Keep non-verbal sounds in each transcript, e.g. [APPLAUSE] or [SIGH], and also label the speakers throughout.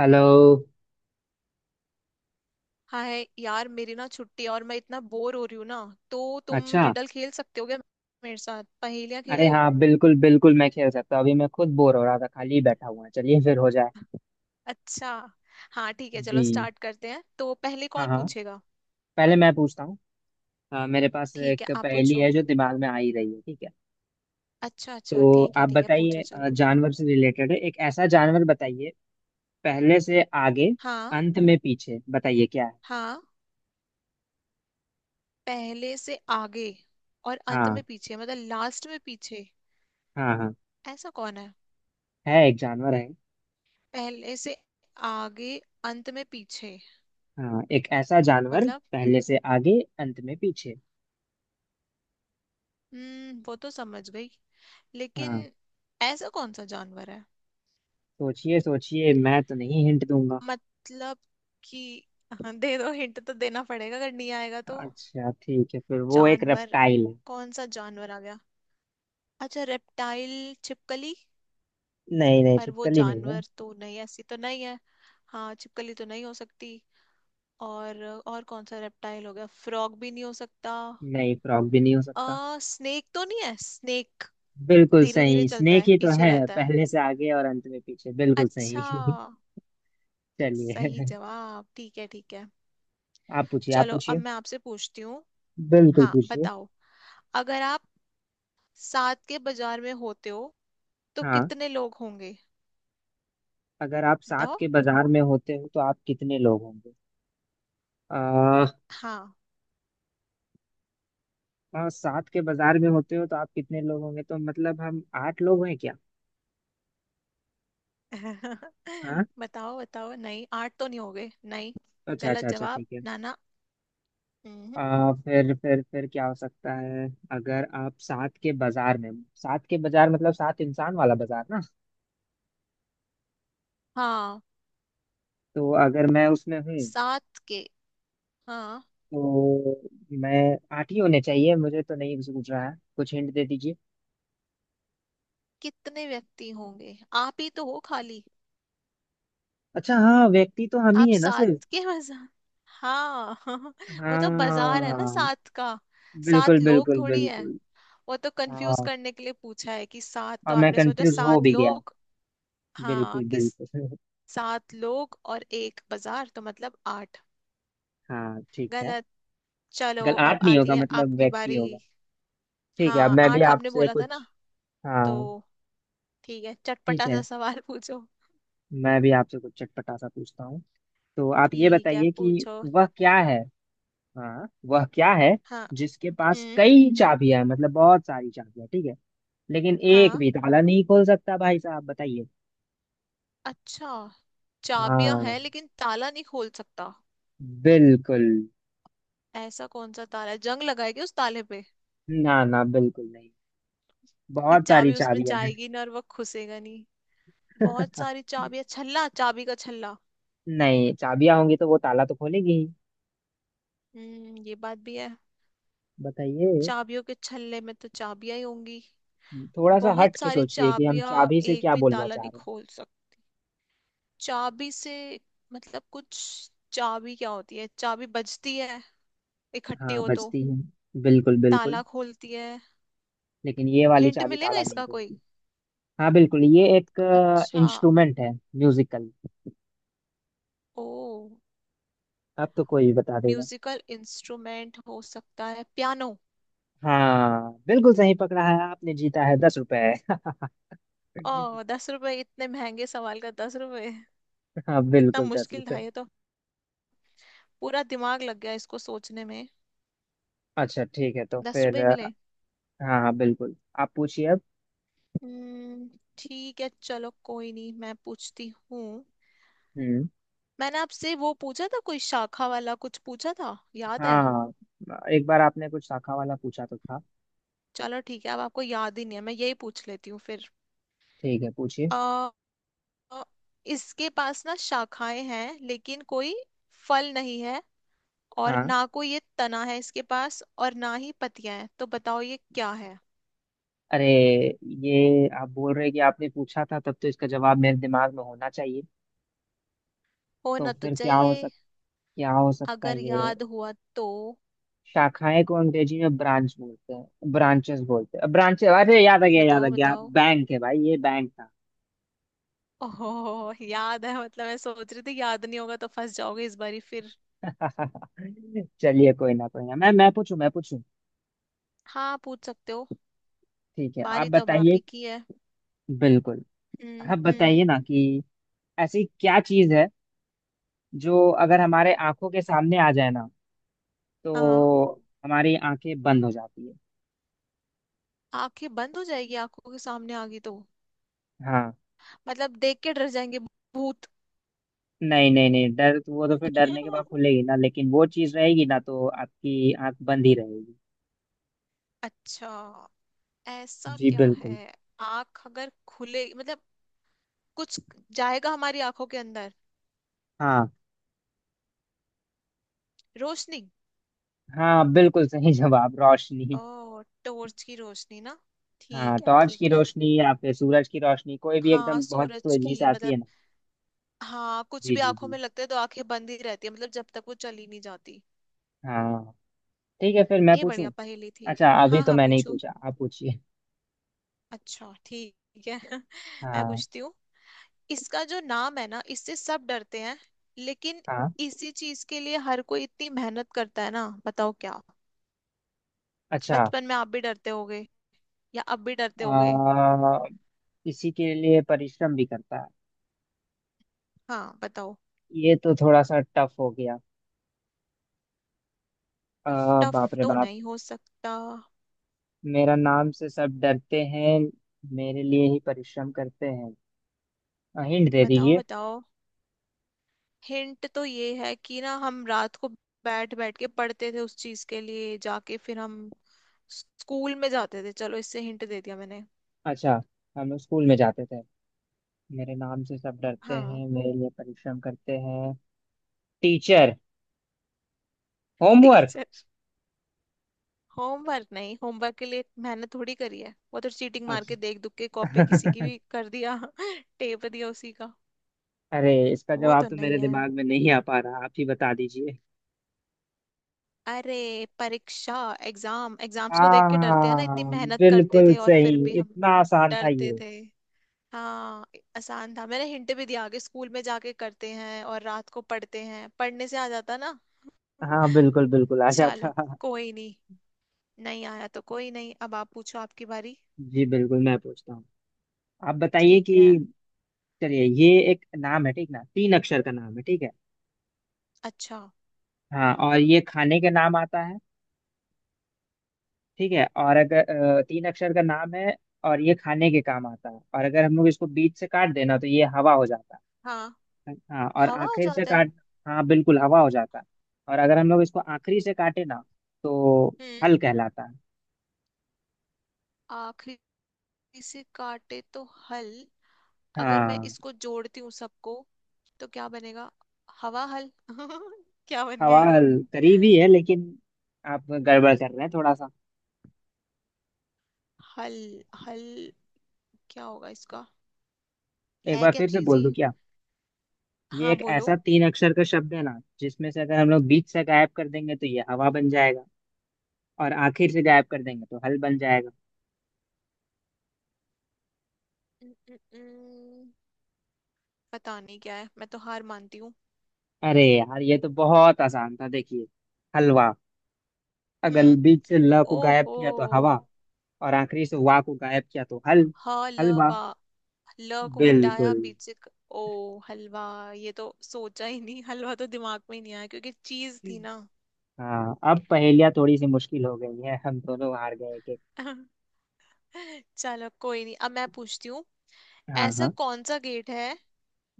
Speaker 1: Hello.
Speaker 2: Hi यार, मेरी ना छुट्टी है और मैं इतना बोर हो रही हूँ ना। तो तुम
Speaker 1: अच्छा।
Speaker 2: रिडल खेल सकते हो क्या, मेरे साथ पहेलियां
Speaker 1: अरे
Speaker 2: खेलें।
Speaker 1: हाँ, बिल्कुल बिल्कुल मैं खेल सकता हूँ। अभी मैं खुद बोर हो रहा था, खाली ही बैठा हुआ है। चलिए फिर हो जाए।
Speaker 2: अच्छा, हाँ ठीक है,
Speaker 1: जी।
Speaker 2: चलो स्टार्ट करते हैं। तो पहले
Speaker 1: हाँ
Speaker 2: कौन
Speaker 1: हाँ।
Speaker 2: पूछेगा।
Speaker 1: पहले मैं पूछता हूँ। मेरे पास
Speaker 2: ठीक है
Speaker 1: एक
Speaker 2: आप
Speaker 1: पहेली
Speaker 2: पूछो।
Speaker 1: है जो दिमाग में आ ही रही है, ठीक है।
Speaker 2: अच्छा अच्छा,
Speaker 1: तो
Speaker 2: ठीक है
Speaker 1: आप
Speaker 2: ठीक है,
Speaker 1: बताइए,
Speaker 2: पूछो चलो।
Speaker 1: जानवर से रिलेटेड है। एक ऐसा जानवर बताइए, पहले से आगे,
Speaker 2: हाँ
Speaker 1: अंत में पीछे, बताइए क्या है।
Speaker 2: हाँ। पहले से आगे और अंत
Speaker 1: हाँ।
Speaker 2: में पीछे, मतलब लास्ट में पीछे।
Speaker 1: हाँ हाँ।
Speaker 2: ऐसा कौन है।
Speaker 1: है, एक जानवर है।
Speaker 2: पहले से आगे, अंत में पीछे
Speaker 1: हाँ, एक ऐसा जानवर,
Speaker 2: मतलब।
Speaker 1: पहले से आगे अंत में पीछे।
Speaker 2: हम्म, वो तो समझ गई, लेकिन
Speaker 1: हाँ,
Speaker 2: ऐसा कौन सा जानवर है।
Speaker 1: सोचिए सोचिए, मैं तो नहीं हिंट दूंगा।
Speaker 2: मतलब कि, हाँ, दे दो हिंट, तो देना पड़ेगा अगर नहीं आएगा तो।
Speaker 1: अच्छा ठीक है, फिर वो एक
Speaker 2: जानवर,
Speaker 1: रेप्टाइल है।
Speaker 2: कौन सा जानवर आ गया। अच्छा, रेप्टाइल। छिपकली।
Speaker 1: नहीं नहीं,
Speaker 2: पर वो
Speaker 1: छिपकली नहीं है।
Speaker 2: जानवर तो नहीं, ऐसी तो नहीं है। हाँ छिपकली तो नहीं हो सकती। और कौन सा रेप्टाइल हो गया, फ्रॉग भी नहीं हो सकता।
Speaker 1: नहीं, फ्रॉग भी नहीं हो सकता।
Speaker 2: स्नेक तो नहीं है, स्नेक।
Speaker 1: बिल्कुल
Speaker 2: धीरे धीरे
Speaker 1: सही,
Speaker 2: चलता
Speaker 1: स्नेक
Speaker 2: है,
Speaker 1: ही तो
Speaker 2: पीछे
Speaker 1: है।
Speaker 2: रहता है।
Speaker 1: पहले से आगे और अंत में पीछे, बिल्कुल
Speaker 2: अच्छा।
Speaker 1: सही। [LAUGHS] चलिए।
Speaker 2: सही जवाब, ठीक है ठीक है।
Speaker 1: आप पूछिए आप
Speaker 2: चलो अब
Speaker 1: पूछिए।
Speaker 2: मैं आपसे पूछती हूँ।
Speaker 1: बिल्कुल
Speaker 2: हाँ
Speaker 1: पूछिए।
Speaker 2: बताओ। अगर आप सात के बाजार में होते हो तो
Speaker 1: हाँ।
Speaker 2: कितने लोग होंगे।
Speaker 1: अगर आप सात
Speaker 2: बताओ।
Speaker 1: के बाजार में होते हो तो आप कितने लोग होंगे। आ,
Speaker 2: हाँ।
Speaker 1: सात के बाजार में होते हो तो आप कितने लोग होंगे तो मतलब हम आठ लोग हैं क्या।
Speaker 2: [LAUGHS]
Speaker 1: हाँ।
Speaker 2: बताओ बताओ, नहीं आठ तो नहीं हो गए, नहीं।
Speaker 1: अच्छा अच्छा
Speaker 2: गलत
Speaker 1: अच्छा
Speaker 2: जवाब।
Speaker 1: ठीक है।
Speaker 2: नाना। हम्म,
Speaker 1: फिर क्या हो सकता है। अगर आप सात के बाजार में, सात के बाजार मतलब सात इंसान वाला बाजार ना,
Speaker 2: हाँ,
Speaker 1: तो अगर मैं उसमें हूँ
Speaker 2: सात के। हाँ।
Speaker 1: तो मैं आठ ही होने चाहिए। मुझे तो नहीं सूझ रहा है, कुछ हिंट दे दीजिए।
Speaker 2: कितने व्यक्ति होंगे, आप ही तो हो खाली।
Speaker 1: अच्छा हाँ, व्यक्ति तो हम ही
Speaker 2: आप
Speaker 1: है ना सिर्फ।
Speaker 2: सात के बाजार। हाँ। [LAUGHS] वो तो बाजार है ना
Speaker 1: हाँ
Speaker 2: सात का।
Speaker 1: बिल्कुल
Speaker 2: सात लोग
Speaker 1: बिल्कुल
Speaker 2: थोड़ी है,
Speaker 1: बिल्कुल।
Speaker 2: वो तो कंफ्यूज
Speaker 1: हाँ,
Speaker 2: करने के लिए पूछा है कि सात तो
Speaker 1: और मैं
Speaker 2: आपने सोचा,
Speaker 1: कंफ्यूज हो
Speaker 2: सात
Speaker 1: भी गया।
Speaker 2: लोग। हाँ
Speaker 1: बिल्कुल
Speaker 2: कि
Speaker 1: बिल्कुल। [LAUGHS]
Speaker 2: सात लोग और एक बाजार, तो मतलब आठ।
Speaker 1: हाँ ठीक है।
Speaker 2: गलत। चलो
Speaker 1: गल
Speaker 2: अब
Speaker 1: आठ नहीं
Speaker 2: आती
Speaker 1: होगा,
Speaker 2: है
Speaker 1: मतलब
Speaker 2: आपकी
Speaker 1: व्यक्ति
Speaker 2: बारी।
Speaker 1: होगा। ठीक है, अब
Speaker 2: हाँ
Speaker 1: मैं भी
Speaker 2: आठ आपने
Speaker 1: आपसे
Speaker 2: बोला था ना।
Speaker 1: कुछ।
Speaker 2: तो
Speaker 1: हाँ
Speaker 2: ठीक है,
Speaker 1: ठीक
Speaker 2: चटपटा
Speaker 1: है,
Speaker 2: सा सवाल [LAUGHS] पूछो।
Speaker 1: मैं भी आपसे कुछ चटपटा सा पूछता हूँ। तो आप ये
Speaker 2: ठीक है
Speaker 1: बताइए कि
Speaker 2: पूछो।
Speaker 1: वह क्या है। हाँ, वह क्या है,
Speaker 2: हाँ।
Speaker 1: जिसके पास
Speaker 2: हम्म।
Speaker 1: कई चाबियां हैं, मतलब बहुत सारी चाबियां, ठीक है। लेकिन एक
Speaker 2: हाँ।
Speaker 1: भी ताला नहीं खोल सकता, भाई साहब बताइए।
Speaker 2: अच्छा। चाबियां
Speaker 1: हाँ
Speaker 2: हैं लेकिन ताला नहीं खोल सकता,
Speaker 1: बिल्कुल।
Speaker 2: ऐसा कौन सा ताला है। जंग लगाएगी उस ताले पे
Speaker 1: ना ना, बिल्कुल नहीं।
Speaker 2: कि
Speaker 1: बहुत सारी
Speaker 2: चाबी उसमें
Speaker 1: चाबियां हैं।
Speaker 2: जाएगी ना और वो खुसेगा नहीं। बहुत सारी
Speaker 1: [LAUGHS]
Speaker 2: चाबियां, छल्ला, चाबी का छल्ला।
Speaker 1: नहीं, चाबियां होंगी तो वो ताला तो खोलेगी ही।
Speaker 2: हम्म, ये बात भी है।
Speaker 1: बताइए।
Speaker 2: चाबियों के छल्ले में तो चाबियां ही होंगी।
Speaker 1: थोड़ा सा
Speaker 2: बहुत
Speaker 1: हट के
Speaker 2: सारी
Speaker 1: सोचिए कि हम
Speaker 2: चाबियां
Speaker 1: चाबी से
Speaker 2: एक
Speaker 1: क्या
Speaker 2: भी
Speaker 1: बोलना
Speaker 2: ताला
Speaker 1: चाह
Speaker 2: नहीं
Speaker 1: रहे
Speaker 2: खोल सकती। चाबी से मतलब कुछ, चाबी क्या होती है, चाबी बजती है
Speaker 1: हैं।
Speaker 2: इकट्ठी
Speaker 1: हाँ,
Speaker 2: हो तो,
Speaker 1: बजती है, बिल्कुल
Speaker 2: ताला
Speaker 1: बिल्कुल।
Speaker 2: खोलती है।
Speaker 1: लेकिन ये वाली
Speaker 2: हिंट
Speaker 1: चाबी
Speaker 2: मिलेगा
Speaker 1: ताला नहीं
Speaker 2: इसका कोई।
Speaker 1: खोलती। हाँ बिल्कुल, ये एक
Speaker 2: अच्छा।
Speaker 1: इंस्ट्रूमेंट है, म्यूजिकल।
Speaker 2: ओ,
Speaker 1: अब तो कोई भी बता देगा।
Speaker 2: म्यूजिकल इंस्ट्रूमेंट हो सकता है, पियानो।
Speaker 1: हाँ बिल्कुल सही पकड़ा है आपने, जीता है 10 रुपए।
Speaker 2: ओ,
Speaker 1: [LAUGHS]
Speaker 2: 10 रुपए। इतने महंगे सवाल का 10 रुपए।
Speaker 1: हाँ
Speaker 2: इतना
Speaker 1: बिल्कुल दस
Speaker 2: मुश्किल
Speaker 1: रुपए
Speaker 2: था ये तो, पूरा दिमाग लग गया इसको सोचने में।
Speaker 1: अच्छा ठीक है, तो
Speaker 2: दस
Speaker 1: फिर
Speaker 2: रुपए ही मिले।
Speaker 1: हाँ हाँ बिल्कुल। आप पूछिए अब।
Speaker 2: हम्म, ठीक है, चलो कोई नहीं, मैं पूछती हूँ।
Speaker 1: हम्म।
Speaker 2: मैंने आपसे वो पूछा था, कोई शाखा वाला कुछ पूछा था, याद है।
Speaker 1: हाँ, एक बार आपने कुछ शाखा वाला पूछा तो था।
Speaker 2: चलो ठीक है, अब आपको याद ही नहीं है, मैं यही पूछ लेती हूँ फिर।
Speaker 1: ठीक है पूछिए।
Speaker 2: आ, इसके पास ना शाखाएं हैं, लेकिन कोई फल नहीं है और
Speaker 1: हाँ।
Speaker 2: ना कोई ये तना है इसके पास, और ना ही पत्तियां हैं, तो बताओ ये क्या है।
Speaker 1: अरे, ये आप बोल रहे हैं कि आपने पूछा था, तब तो इसका जवाब मेरे दिमाग में होना चाहिए। तो
Speaker 2: होना तो
Speaker 1: फिर क्या हो
Speaker 2: चाहिए।
Speaker 1: सक, क्या हो सकता है
Speaker 2: अगर
Speaker 1: ये।
Speaker 2: याद हुआ तो।
Speaker 1: शाखाएं को अंग्रेजी में ब्रांच बोलते हैं, ब्रांचेस बोलते हैं, ब्रांचेस, अरे याद आ गया याद आ
Speaker 2: बताओ
Speaker 1: गया,
Speaker 2: बताओ।
Speaker 1: बैंक है भाई, ये बैंक था।
Speaker 2: ओहो, याद है। मतलब मैं सोच रही थी याद नहीं होगा तो फंस जाओगे इस बारी फिर।
Speaker 1: [LAUGHS] चलिए कोई ना कोई ना, मैं पूछूं मैं पूछूं।
Speaker 2: हाँ पूछ सकते हो।
Speaker 1: ठीक है आप
Speaker 2: बारी तो अब आप
Speaker 1: बताइए।
Speaker 2: ही की है।
Speaker 1: बिल्कुल। आप बताइए ना
Speaker 2: हम्म।
Speaker 1: कि ऐसी क्या चीज है जो अगर हमारे आंखों के सामने आ जाए ना,
Speaker 2: हाँ।
Speaker 1: तो हमारी आंखें बंद हो जाती है।
Speaker 2: आंखें बंद हो जाएगी, आंखों के सामने आ गई तो।
Speaker 1: हाँ।
Speaker 2: मतलब देख के डर जाएंगे। भूत।
Speaker 1: नहीं नहीं नहीं, डर तो, वो तो फिर डरने के बाद
Speaker 2: [LAUGHS]
Speaker 1: खुलेगी ना, लेकिन वो चीज रहेगी ना तो आपकी आंख बंद ही रहेगी।
Speaker 2: अच्छा, ऐसा
Speaker 1: जी
Speaker 2: क्या
Speaker 1: बिल्कुल।
Speaker 2: है। आंख अगर खुले मतलब, कुछ जाएगा हमारी आंखों के अंदर।
Speaker 1: हाँ।
Speaker 2: रोशनी।
Speaker 1: हाँ बिल्कुल सही जवाब, रोशनी।
Speaker 2: ओ, टॉर्च की रोशनी ना।
Speaker 1: हाँ,
Speaker 2: ठीक है
Speaker 1: टॉर्च की
Speaker 2: ठीक है।
Speaker 1: रोशनी या फिर सूरज की रोशनी, कोई भी
Speaker 2: हाँ
Speaker 1: एकदम बहुत
Speaker 2: सूरज
Speaker 1: तेजी से
Speaker 2: की
Speaker 1: आती है
Speaker 2: मतलब,
Speaker 1: ना।
Speaker 2: हाँ, कुछ
Speaker 1: जी
Speaker 2: भी
Speaker 1: जी
Speaker 2: आंखों
Speaker 1: जी।
Speaker 2: में लगता है तो आंखें बंद ही रहती है, मतलब जब तक वो चली नहीं जाती।
Speaker 1: हाँ ठीक है, फिर मैं
Speaker 2: ये
Speaker 1: पूछूं।
Speaker 2: बढ़िया पहेली थी।
Speaker 1: अच्छा अभी
Speaker 2: हाँ
Speaker 1: तो
Speaker 2: हाँ
Speaker 1: मैं नहीं
Speaker 2: पूछो।
Speaker 1: पूछा, आप पूछिए।
Speaker 2: अच्छा ठीक है। [LAUGHS] मैं
Speaker 1: हाँ
Speaker 2: पूछती हूँ। इसका जो नाम है ना, इससे सब डरते हैं, लेकिन
Speaker 1: हाँ।
Speaker 2: इसी चीज के लिए हर कोई इतनी मेहनत करता है ना, बताओ क्या।
Speaker 1: अच्छा।
Speaker 2: बचपन में आप भी डरते होगे या अब भी डरते होगे।
Speaker 1: आ, इसी के लिए परिश्रम भी करता है।
Speaker 2: हाँ बताओ।
Speaker 1: ये तो थोड़ा सा टफ हो गया।
Speaker 2: टफ टफ
Speaker 1: बाप रे
Speaker 2: तो
Speaker 1: बाप।
Speaker 2: नहीं हो सकता।
Speaker 1: मेरा नाम से सब डरते हैं, मेरे लिए ही परिश्रम करते हैं। हिंट दे
Speaker 2: बताओ
Speaker 1: दीजिए।
Speaker 2: बताओ। हिंट तो ये है कि ना, हम रात को बैठ बैठ के पढ़ते थे उस चीज के लिए, जाके फिर हम स्कूल में जाते थे, चलो इससे हिंट दे दिया मैंने।
Speaker 1: अच्छा। हम लोग स्कूल में जाते थे, मेरे नाम से सब डरते
Speaker 2: हाँ।
Speaker 1: हैं, मेरे लिए परिश्रम करते हैं। टीचर। होमवर्क।
Speaker 2: टीचर। होमवर्क नहीं, होमवर्क के लिए मेहनत थोड़ी करी है, वो तो चीटिंग मार
Speaker 1: अच्छा।
Speaker 2: के देख दुख के कॉपी किसी की
Speaker 1: [LAUGHS]
Speaker 2: भी कर दिया, [LAUGHS] टेप दिया उसी का।
Speaker 1: अरे, इसका
Speaker 2: वो
Speaker 1: जवाब
Speaker 2: तो
Speaker 1: तो मेरे
Speaker 2: नहीं है।
Speaker 1: दिमाग में नहीं आ पा रहा, आप ही बता दीजिए।
Speaker 2: अरे, परीक्षा। एग्जाम, एग्जाम्स को देख के डरते हैं ना, इतनी
Speaker 1: हाँ
Speaker 2: मेहनत करते
Speaker 1: बिल्कुल
Speaker 2: थे और
Speaker 1: सही,
Speaker 2: फिर भी हम
Speaker 1: इतना आसान था
Speaker 2: डरते
Speaker 1: ये।
Speaker 2: थे। हाँ, आसान था, मैंने हिंट भी दिया, आगे स्कूल में जाके करते हैं और रात को पढ़ते हैं, पढ़ने से आ जाता ना।
Speaker 1: हाँ
Speaker 2: [LAUGHS]
Speaker 1: बिल्कुल बिल्कुल आशा
Speaker 2: चलो
Speaker 1: था।
Speaker 2: कोई नहीं, नहीं आया तो कोई नहीं, अब आप पूछो आपकी बारी।
Speaker 1: जी बिल्कुल, मैं पूछता हूँ। आप बताइए कि,
Speaker 2: ठीक है।
Speaker 1: चलिए, ये एक नाम है, ठीक ना, तीन अक्षर का नाम है, ठीक है।
Speaker 2: अच्छा।
Speaker 1: हाँ, और ये खाने के नाम आता है, ठीक है, और अगर तीन अक्षर का नाम है और ये खाने के काम आता है, और अगर हम लोग इसको बीच से काट देना तो ये हवा हो जाता
Speaker 2: हाँ,
Speaker 1: है। हाँ, और
Speaker 2: हवा हो
Speaker 1: आखिर से
Speaker 2: जाता है।
Speaker 1: काट, हाँ बिल्कुल हवा हो जाता है। और अगर हम लोग इसको आखिरी से काटे ना तो
Speaker 2: हम्म।
Speaker 1: हल कहलाता है।
Speaker 2: आखिरी से काटे तो हल। अगर मैं
Speaker 1: हाँ,
Speaker 2: इसको जोड़ती हूँ सबको तो क्या बनेगा। हवा हल। [LAUGHS] क्या बन
Speaker 1: हवा
Speaker 2: गया ये।
Speaker 1: हल करीब ही है, लेकिन आप गड़बड़ कर रहे हैं थोड़ा सा।
Speaker 2: हल। हल। क्या होगा इसका,
Speaker 1: एक
Speaker 2: है
Speaker 1: बार
Speaker 2: क्या
Speaker 1: फिर से
Speaker 2: चीज
Speaker 1: बोल
Speaker 2: ये।
Speaker 1: दूं क्या। ये
Speaker 2: हाँ
Speaker 1: एक
Speaker 2: बोलो।
Speaker 1: ऐसा तीन अक्षर का शब्द है ना, जिसमें से अगर हम लोग बीच से गायब कर देंगे तो ये हवा बन जाएगा, और आखिर से गायब कर देंगे तो हल बन जाएगा।
Speaker 2: न- न- न- पता नहीं क्या है, मैं तो हार मानती हूँ।
Speaker 1: अरे यार, ये तो बहुत आसान था, देखिए, हलवा, अगर
Speaker 2: हम्म।
Speaker 1: बीच से ल को गायब
Speaker 2: ओहो।
Speaker 1: किया तो हवा, और आखिरी से वा को गायब किया तो हल।
Speaker 2: हलवा। ल
Speaker 1: हलवा।
Speaker 2: वा, ल को हटाया
Speaker 1: बिल्कुल।
Speaker 2: बीच से ओ हलवा। ये तो सोचा ही नहीं, हलवा तो दिमाग में ही नहीं आया, क्योंकि चीज थी ना।
Speaker 1: हाँ, अब पहेलियाँ थोड़ी सी मुश्किल हो गई है, हम दोनों हार गए के।
Speaker 2: [LAUGHS] चलो कोई नहीं, अब मैं पूछती हूँ।
Speaker 1: हाँ
Speaker 2: ऐसा
Speaker 1: हाँ।
Speaker 2: कौन सा गेट है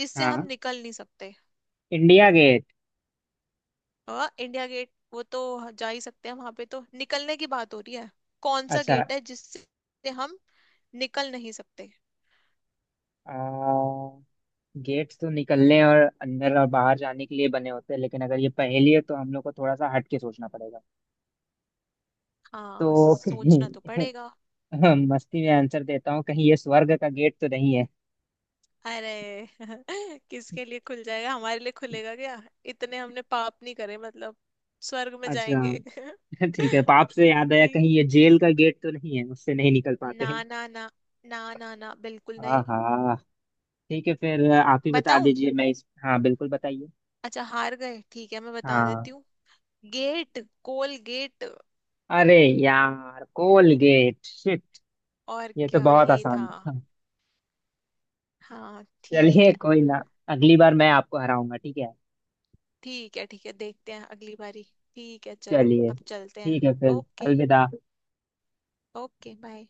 Speaker 2: जिससे
Speaker 1: हाँ,
Speaker 2: हम निकल नहीं सकते।
Speaker 1: इंडिया गेट।
Speaker 2: हाँ इंडिया गेट, वो तो जा ही सकते हैं वहां पे, तो निकलने की बात हो रही है। कौन सा
Speaker 1: अच्छा।
Speaker 2: गेट है जिससे हम निकल नहीं सकते।
Speaker 1: आ, गेट्स तो निकलने और अंदर और बाहर जाने के लिए बने होते हैं, लेकिन अगर ये पहेली है तो हम लोग को थोड़ा सा हट के सोचना पड़ेगा।
Speaker 2: हाँ
Speaker 1: तो [LAUGHS]
Speaker 2: सोचना तो
Speaker 1: कहीं
Speaker 2: पड़ेगा।
Speaker 1: मस्ती में आंसर देता हूँ, कहीं ये स्वर्ग का गेट तो नहीं।
Speaker 2: अरे, [LAUGHS] किसके लिए खुल जाएगा, हमारे लिए खुलेगा क्या। इतने हमने पाप नहीं करे मतलब, स्वर्ग में
Speaker 1: अच्छा।
Speaker 2: जाएंगे।
Speaker 1: [LAUGHS] ठीक है, पाप से याद
Speaker 2: [LAUGHS]
Speaker 1: आया,
Speaker 2: नहीं।
Speaker 1: कहीं ये जेल का गेट तो नहीं है, उससे नहीं निकल पाते
Speaker 2: ना
Speaker 1: हैं।
Speaker 2: ना ना। ना ना ना, बिल्कुल
Speaker 1: हाँ
Speaker 2: नहीं।
Speaker 1: हाँ। ठीक है, फिर आप ही बता
Speaker 2: बताऊं।
Speaker 1: दीजिए, मैं इस, हाँ बिल्कुल बताइए।
Speaker 2: अच्छा हार गए, ठीक है, मैं बता देती
Speaker 1: हाँ।
Speaker 2: हूँ। Gate, Colgate.
Speaker 1: अरे यार, कोलगेट, शिट,
Speaker 2: और
Speaker 1: ये तो
Speaker 2: क्या
Speaker 1: बहुत
Speaker 2: ये
Speaker 1: आसान
Speaker 2: था।
Speaker 1: था।
Speaker 2: हाँ
Speaker 1: [LAUGHS]
Speaker 2: ठीक
Speaker 1: चलिए
Speaker 2: है।
Speaker 1: कोई ना, अगली बार मैं आपको हराऊंगा, ठीक है।
Speaker 2: ठीक है, ठीक है देखते हैं अगली बारी। ठीक है, चलो
Speaker 1: चलिए,
Speaker 2: अब चलते हैं।
Speaker 1: ठीक है, फिर
Speaker 2: ओके।
Speaker 1: अलविदा।
Speaker 2: Okay bye.